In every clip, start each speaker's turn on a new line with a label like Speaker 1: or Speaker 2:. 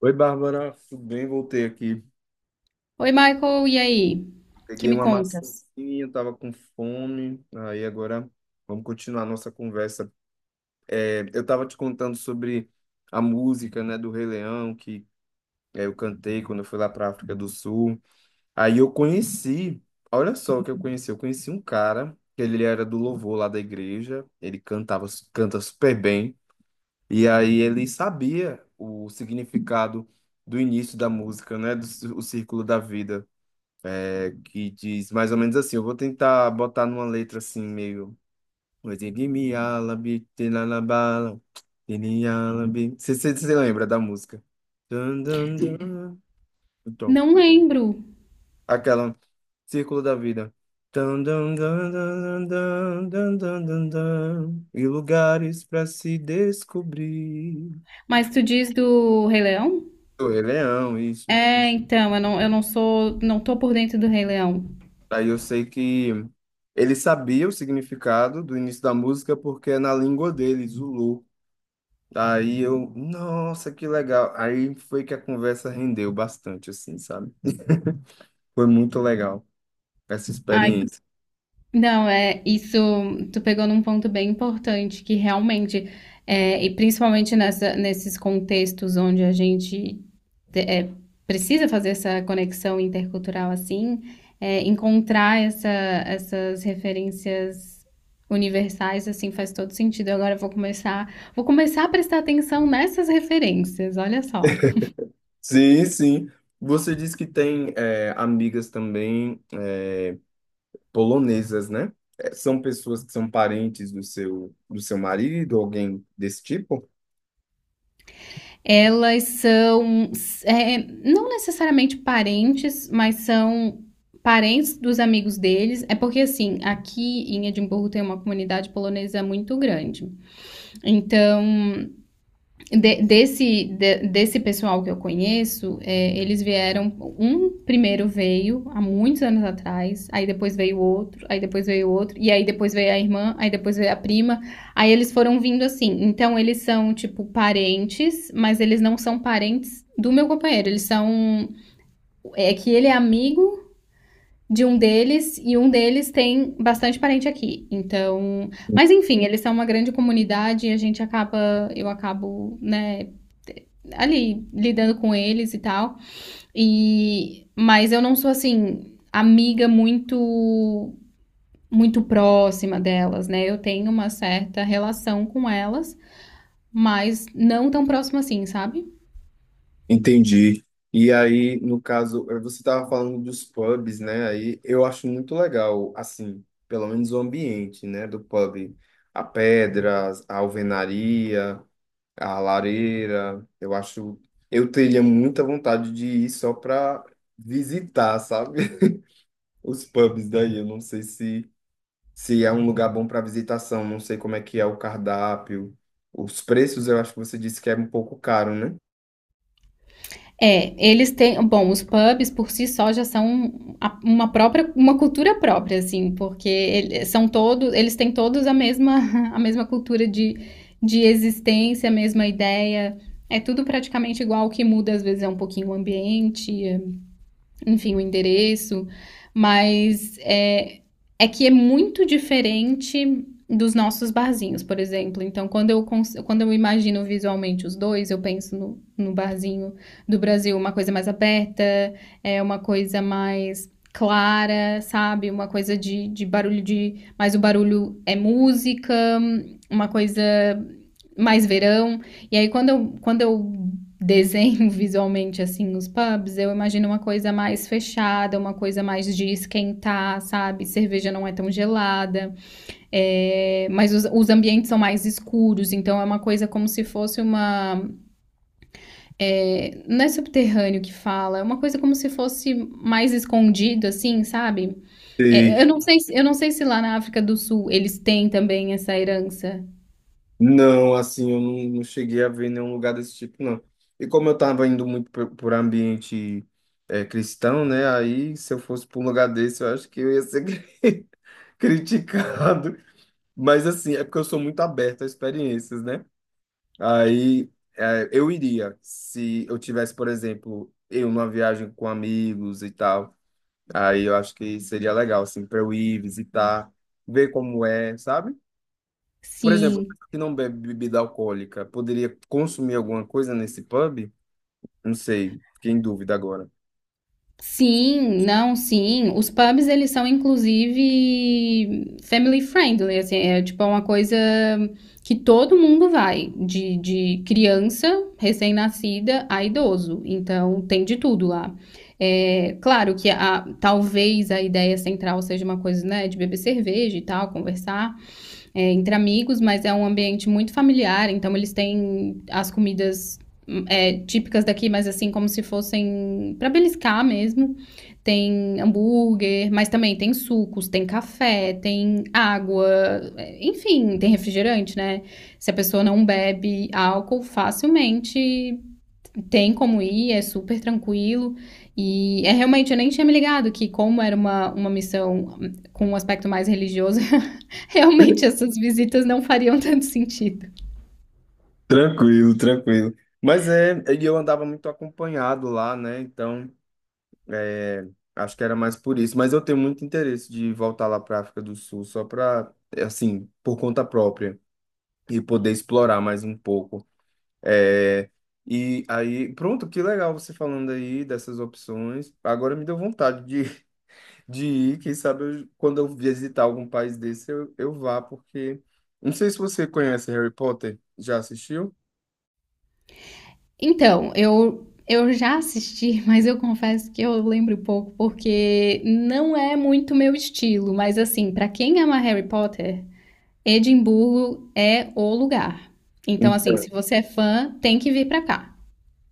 Speaker 1: Oi, Bárbara, tudo bem? Voltei aqui.
Speaker 2: Oi, Michael, e aí? Que
Speaker 1: Peguei
Speaker 2: me
Speaker 1: uma
Speaker 2: contas?
Speaker 1: maçãzinha, tava com fome. Aí agora vamos continuar a nossa conversa. Eu tava te contando sobre a música, né, do Rei Leão, eu cantei quando eu fui lá para África do Sul. Aí eu conheci, olha só o que eu conheci. Eu conheci um cara, que ele era do louvor lá da igreja, ele cantava, canta super bem. E aí ele sabia o significado do início da música, né, o círculo da vida. É, que diz mais ou menos assim. Eu vou tentar botar numa letra assim, meio. Ozigibialabi, tilalabala, tilialabi. Você lembra da música? Dun, dun, dun. Então,
Speaker 2: Não lembro.
Speaker 1: aquela Círculo da Vida. Dun, dun, dun, dun, dun, dun, dun, dun, dun. E lugares para se descobrir.
Speaker 2: Mas tu diz do Rei Leão?
Speaker 1: O Rei Leão, isso.
Speaker 2: Eu não sou, não tô por dentro do Rei Leão.
Speaker 1: Aí eu sei que ele sabia o significado do início da música porque é na língua dele, Zulu. Aí eu, nossa, que legal. Aí foi que a conversa rendeu bastante, assim, sabe? Foi muito legal essa
Speaker 2: Ai,
Speaker 1: experiência.
Speaker 2: não, isso, tu pegou num ponto bem importante, que realmente, e principalmente nesses contextos onde a gente te- é, precisa fazer essa conexão intercultural assim, encontrar essas referências universais assim faz todo sentido. Agora eu vou começar a prestar atenção nessas referências. Olha só,
Speaker 1: Sim, sim. Você disse que tem amigas também, polonesas, né? É, são pessoas que são parentes do seu marido, alguém desse tipo?
Speaker 2: elas são é, não necessariamente parentes, mas são parentes dos amigos deles. É porque assim, aqui em Edimburgo tem uma comunidade polonesa muito grande. Então desse pessoal que eu conheço, eles vieram. Um primeiro veio há muitos anos atrás, aí depois veio outro, aí depois veio outro, e aí depois veio a irmã, aí depois veio a prima. Aí eles foram vindo assim. Então eles são, tipo, parentes, mas eles não são parentes do meu companheiro. Eles são. É que ele é amigo. De um deles, e um deles tem bastante parente aqui. Então, mas enfim, eles são uma grande comunidade e a gente acaba, eu acabo, né, ali lidando com eles e tal. E mas eu não sou assim amiga muito próxima delas, né? Eu tenho uma certa relação com elas, mas não tão próxima assim, sabe?
Speaker 1: Entendi. E aí, no caso, você estava falando dos pubs, né? Aí eu acho muito legal, assim, pelo menos o ambiente, né, do pub. A pedra, a alvenaria, a lareira. Eu acho. Eu teria muita vontade de ir só para visitar, sabe? Os pubs daí. Eu não sei se, se é um lugar bom para visitação. Não sei como é que é o cardápio. Os preços, eu acho que você disse que é um pouco caro, né?
Speaker 2: É, eles têm, bom, os pubs por si só já são uma própria, uma cultura própria, assim, porque eles são todos, eles têm todos a mesma, a mesma cultura de existência, a mesma ideia. É tudo praticamente igual, o que muda às vezes é um pouquinho o ambiente, enfim, o endereço, mas é, é que é muito diferente dos nossos barzinhos, por exemplo. Então, quando eu imagino visualmente os dois, eu penso no barzinho do Brasil, uma coisa mais aberta, uma coisa mais clara, sabe? Uma coisa de barulho de. Mas o barulho é música, uma coisa mais verão. E aí, quando eu desenho visualmente, assim, os pubs, eu imagino uma coisa mais fechada, uma coisa mais de esquentar, sabe? Cerveja não é tão gelada, mas os ambientes são mais escuros, então é uma coisa como se fosse uma, não é subterrâneo que fala, é uma coisa como se fosse mais escondido, assim, sabe? É, eu
Speaker 1: Sei.
Speaker 2: não sei, eu não sei se lá na África do Sul eles têm também essa herança.
Speaker 1: Não, assim, eu não, não cheguei a ver nenhum lugar desse tipo, não. E como eu estava indo muito por ambiente cristão, né? Aí, se eu fosse para um lugar desse, eu acho que eu ia ser criticado. Mas, assim, é porque eu sou muito aberto a experiências, né? Aí, eu iria, se eu tivesse, por exemplo, eu numa viagem com amigos e tal. Aí, eu acho que seria legal, assim, para eu ir visitar, ver como é, sabe? Por exemplo,
Speaker 2: Sim,
Speaker 1: que não bebe bebida alcoólica, poderia consumir alguma coisa nesse pub? Não sei, fiquei em dúvida agora.
Speaker 2: sim, não, sim. Os pubs, eles são, inclusive, family friendly, assim, é tipo é uma coisa que todo mundo vai, de criança, recém-nascida, a idoso. Então, tem de tudo lá. É, claro que a, talvez a ideia central seja uma coisa, né, de beber cerveja e tal, conversar, entre amigos, mas é um ambiente muito familiar, então eles têm as comidas típicas daqui, mas assim, como se fossem para beliscar mesmo. Tem hambúrguer, mas também tem sucos, tem café, tem água, enfim, tem refrigerante, né? Se a pessoa não bebe álcool, facilmente tem como ir, é super tranquilo. E é realmente, eu nem tinha me ligado que, como era uma missão com um aspecto mais religioso, realmente essas visitas não fariam tanto sentido.
Speaker 1: Tranquilo, tranquilo. Mas é, e eu andava muito acompanhado lá, né? Então, é, acho que era mais por isso. Mas eu tenho muito interesse de voltar lá para África do Sul, só para, assim, por conta própria e poder explorar mais um pouco. É, e aí, pronto, que legal você falando aí dessas opções. Agora me deu vontade de ir, quem sabe quando eu visitar algum país desse eu vá, porque não sei se você conhece Harry Potter, já assistiu?
Speaker 2: Então, eu já assisti, mas eu confesso que eu lembro pouco, porque não é muito meu estilo. Mas, assim, pra quem ama Harry Potter, Edimburgo é o lugar. Então, assim, se você é fã, tem que vir pra cá.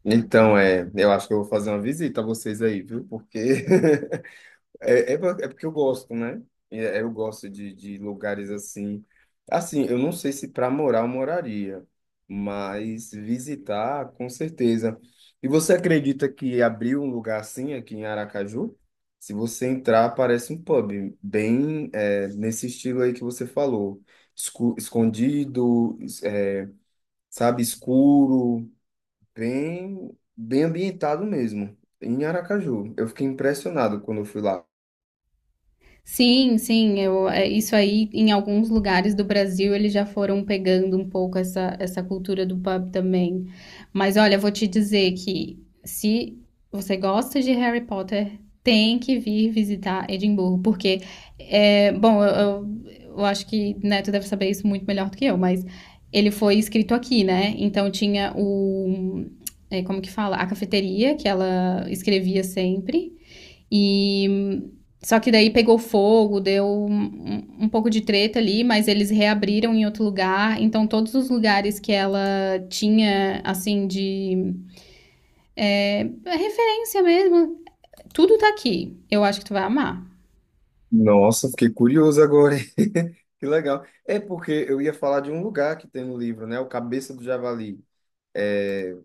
Speaker 1: Então, é, eu acho que eu vou fazer uma visita a vocês aí, viu? Porque é porque eu gosto, né? Eu gosto de lugares assim. Assim, eu não sei se para morar eu moraria, mas visitar, com certeza. E você acredita que abriu um lugar assim aqui em Aracaju? Se você entrar, parece um pub, bem é, nesse estilo aí que você falou. Escondido, sabe, escuro, bem, bem ambientado mesmo, em Aracaju. Eu fiquei impressionado quando eu fui lá.
Speaker 2: Sim, sim, eu, isso aí em alguns lugares do Brasil eles já foram pegando um pouco essa, essa cultura do pub também. Mas olha, eu vou te dizer que se você gosta de Harry Potter, tem que vir visitar Edimburgo, porque, bom, eu acho que Neto deve saber isso muito melhor do que eu, mas ele foi escrito aqui, né? Então tinha o, como que fala? A cafeteria que ela escrevia sempre. E só que daí pegou fogo, deu um, um pouco de treta ali, mas eles reabriram em outro lugar. Então, todos os lugares que ela tinha, assim, de referência mesmo, tudo tá aqui. Eu acho que tu vai amar.
Speaker 1: Nossa, fiquei curioso agora. Hein? Que legal. É porque eu ia falar de um lugar que tem no livro, né? O Cabeça do Javali. É,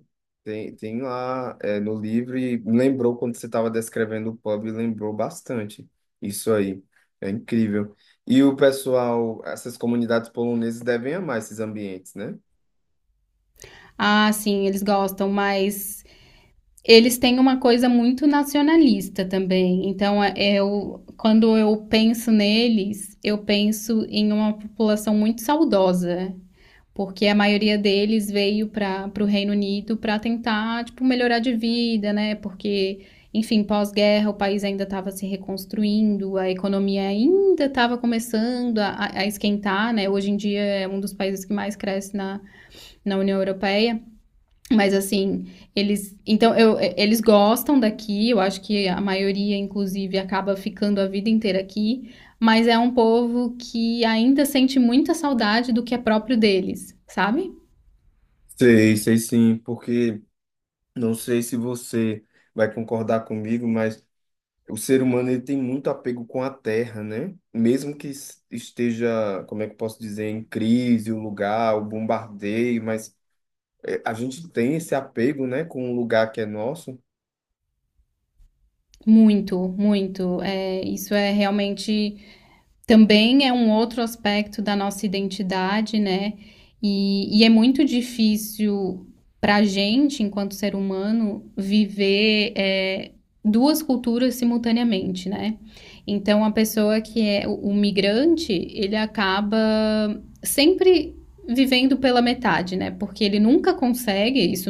Speaker 1: tem, tem lá, é, no livro e lembrou quando você estava descrevendo o pub, lembrou bastante isso aí. É incrível. E o pessoal, essas comunidades polonesas devem amar esses ambientes, né?
Speaker 2: Ah, sim, eles gostam, mas eles têm uma coisa muito nacionalista também. Então, eu, quando eu penso neles, eu penso em uma população muito saudosa, porque a maioria deles veio para o Reino Unido para tentar, tipo, melhorar de vida, né? Porque, enfim, pós-guerra o país ainda estava se reconstruindo, a economia ainda estava começando a esquentar, né? Hoje em dia é um dos países que mais cresce na União Europeia, mas assim, eles, então, eu, eles gostam daqui, eu acho que a maioria, inclusive, acaba ficando a vida inteira aqui, mas é um povo que ainda sente muita saudade do que é próprio deles, sabe?
Speaker 1: Sei, sei sim, porque não sei se você vai concordar comigo, mas o ser humano ele tem muito apego com a terra, né? Mesmo que esteja, como é que eu posso dizer, em crise, o lugar, o bombardeio, mas é, a gente tem esse apego, né, com o lugar que é nosso.
Speaker 2: Muito, muito. É, isso é realmente também é um outro aspecto da nossa identidade, né? E é muito difícil para a gente, enquanto ser humano, viver duas culturas simultaneamente, né? Então, a pessoa que é o migrante, ele acaba sempre vivendo pela metade, né? Porque ele nunca consegue, isso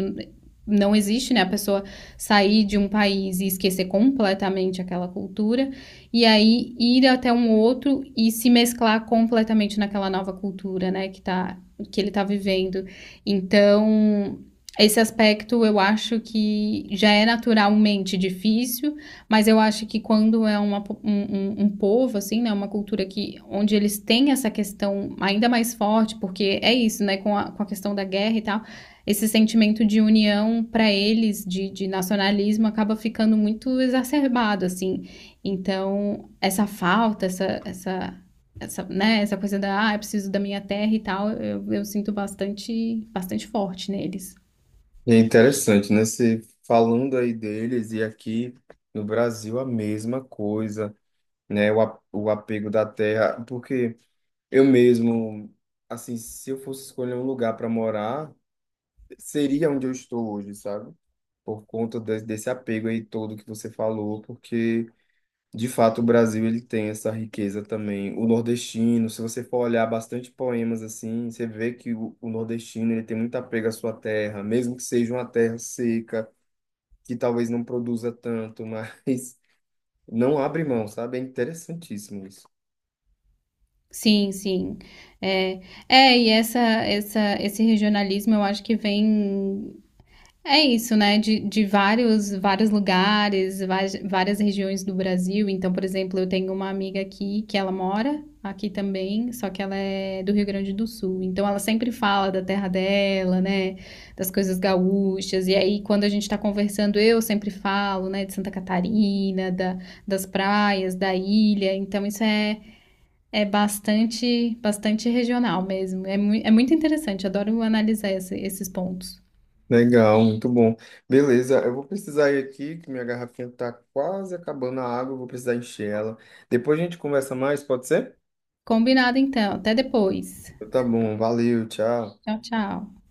Speaker 2: não existe, né? A pessoa sair de um país e esquecer completamente aquela cultura e aí ir até um outro e se mesclar completamente naquela nova cultura, né, que ele tá vivendo. Então, esse aspecto eu acho que já é naturalmente difícil, mas eu acho que quando é uma, um povo, assim, né, uma cultura que, onde eles têm essa questão ainda mais forte, porque é isso, né, com a questão da guerra e tal, esse sentimento de união para eles, de nacionalismo, acaba ficando muito exacerbado, assim, então, essa falta, né, essa coisa da, ah, eu preciso da minha terra e tal, eu sinto bastante, bastante forte neles.
Speaker 1: E é interessante, né? Você falando aí deles e aqui no Brasil a mesma coisa, né? O apego da terra, porque eu mesmo, assim, se eu fosse escolher um lugar para morar, seria onde eu estou hoje, sabe? por conta desse apego aí todo que você falou, porque de fato o Brasil ele tem essa riqueza também. O nordestino, se você for olhar bastante poemas assim, você vê que o nordestino ele tem muito apego à sua terra, mesmo que seja uma terra seca, que talvez não produza tanto, mas não abre mão, sabe? É interessantíssimo isso.
Speaker 2: Sim, sim. É, é, e esse regionalismo eu acho que vem. É isso, né? De vários, vários lugares, várias, várias regiões do Brasil. Então, por exemplo, eu tenho uma amiga aqui que ela mora aqui também, só que ela é do Rio Grande do Sul. Então, ela sempre fala da terra dela, né? Das coisas gaúchas. E aí, quando a gente tá conversando, eu sempre falo, né? De Santa Catarina, da, das praias, da ilha. Então, isso é, é bastante, bastante regional mesmo. É, é muito interessante. Adoro analisar esses pontos.
Speaker 1: Legal, muito bom. Beleza, eu vou precisar ir aqui, que minha garrafinha tá quase acabando a água, eu vou precisar encher ela. Depois a gente conversa mais, pode ser?
Speaker 2: Combinado então, até depois.
Speaker 1: Tá bom, valeu, tchau.
Speaker 2: Tchau, tchau.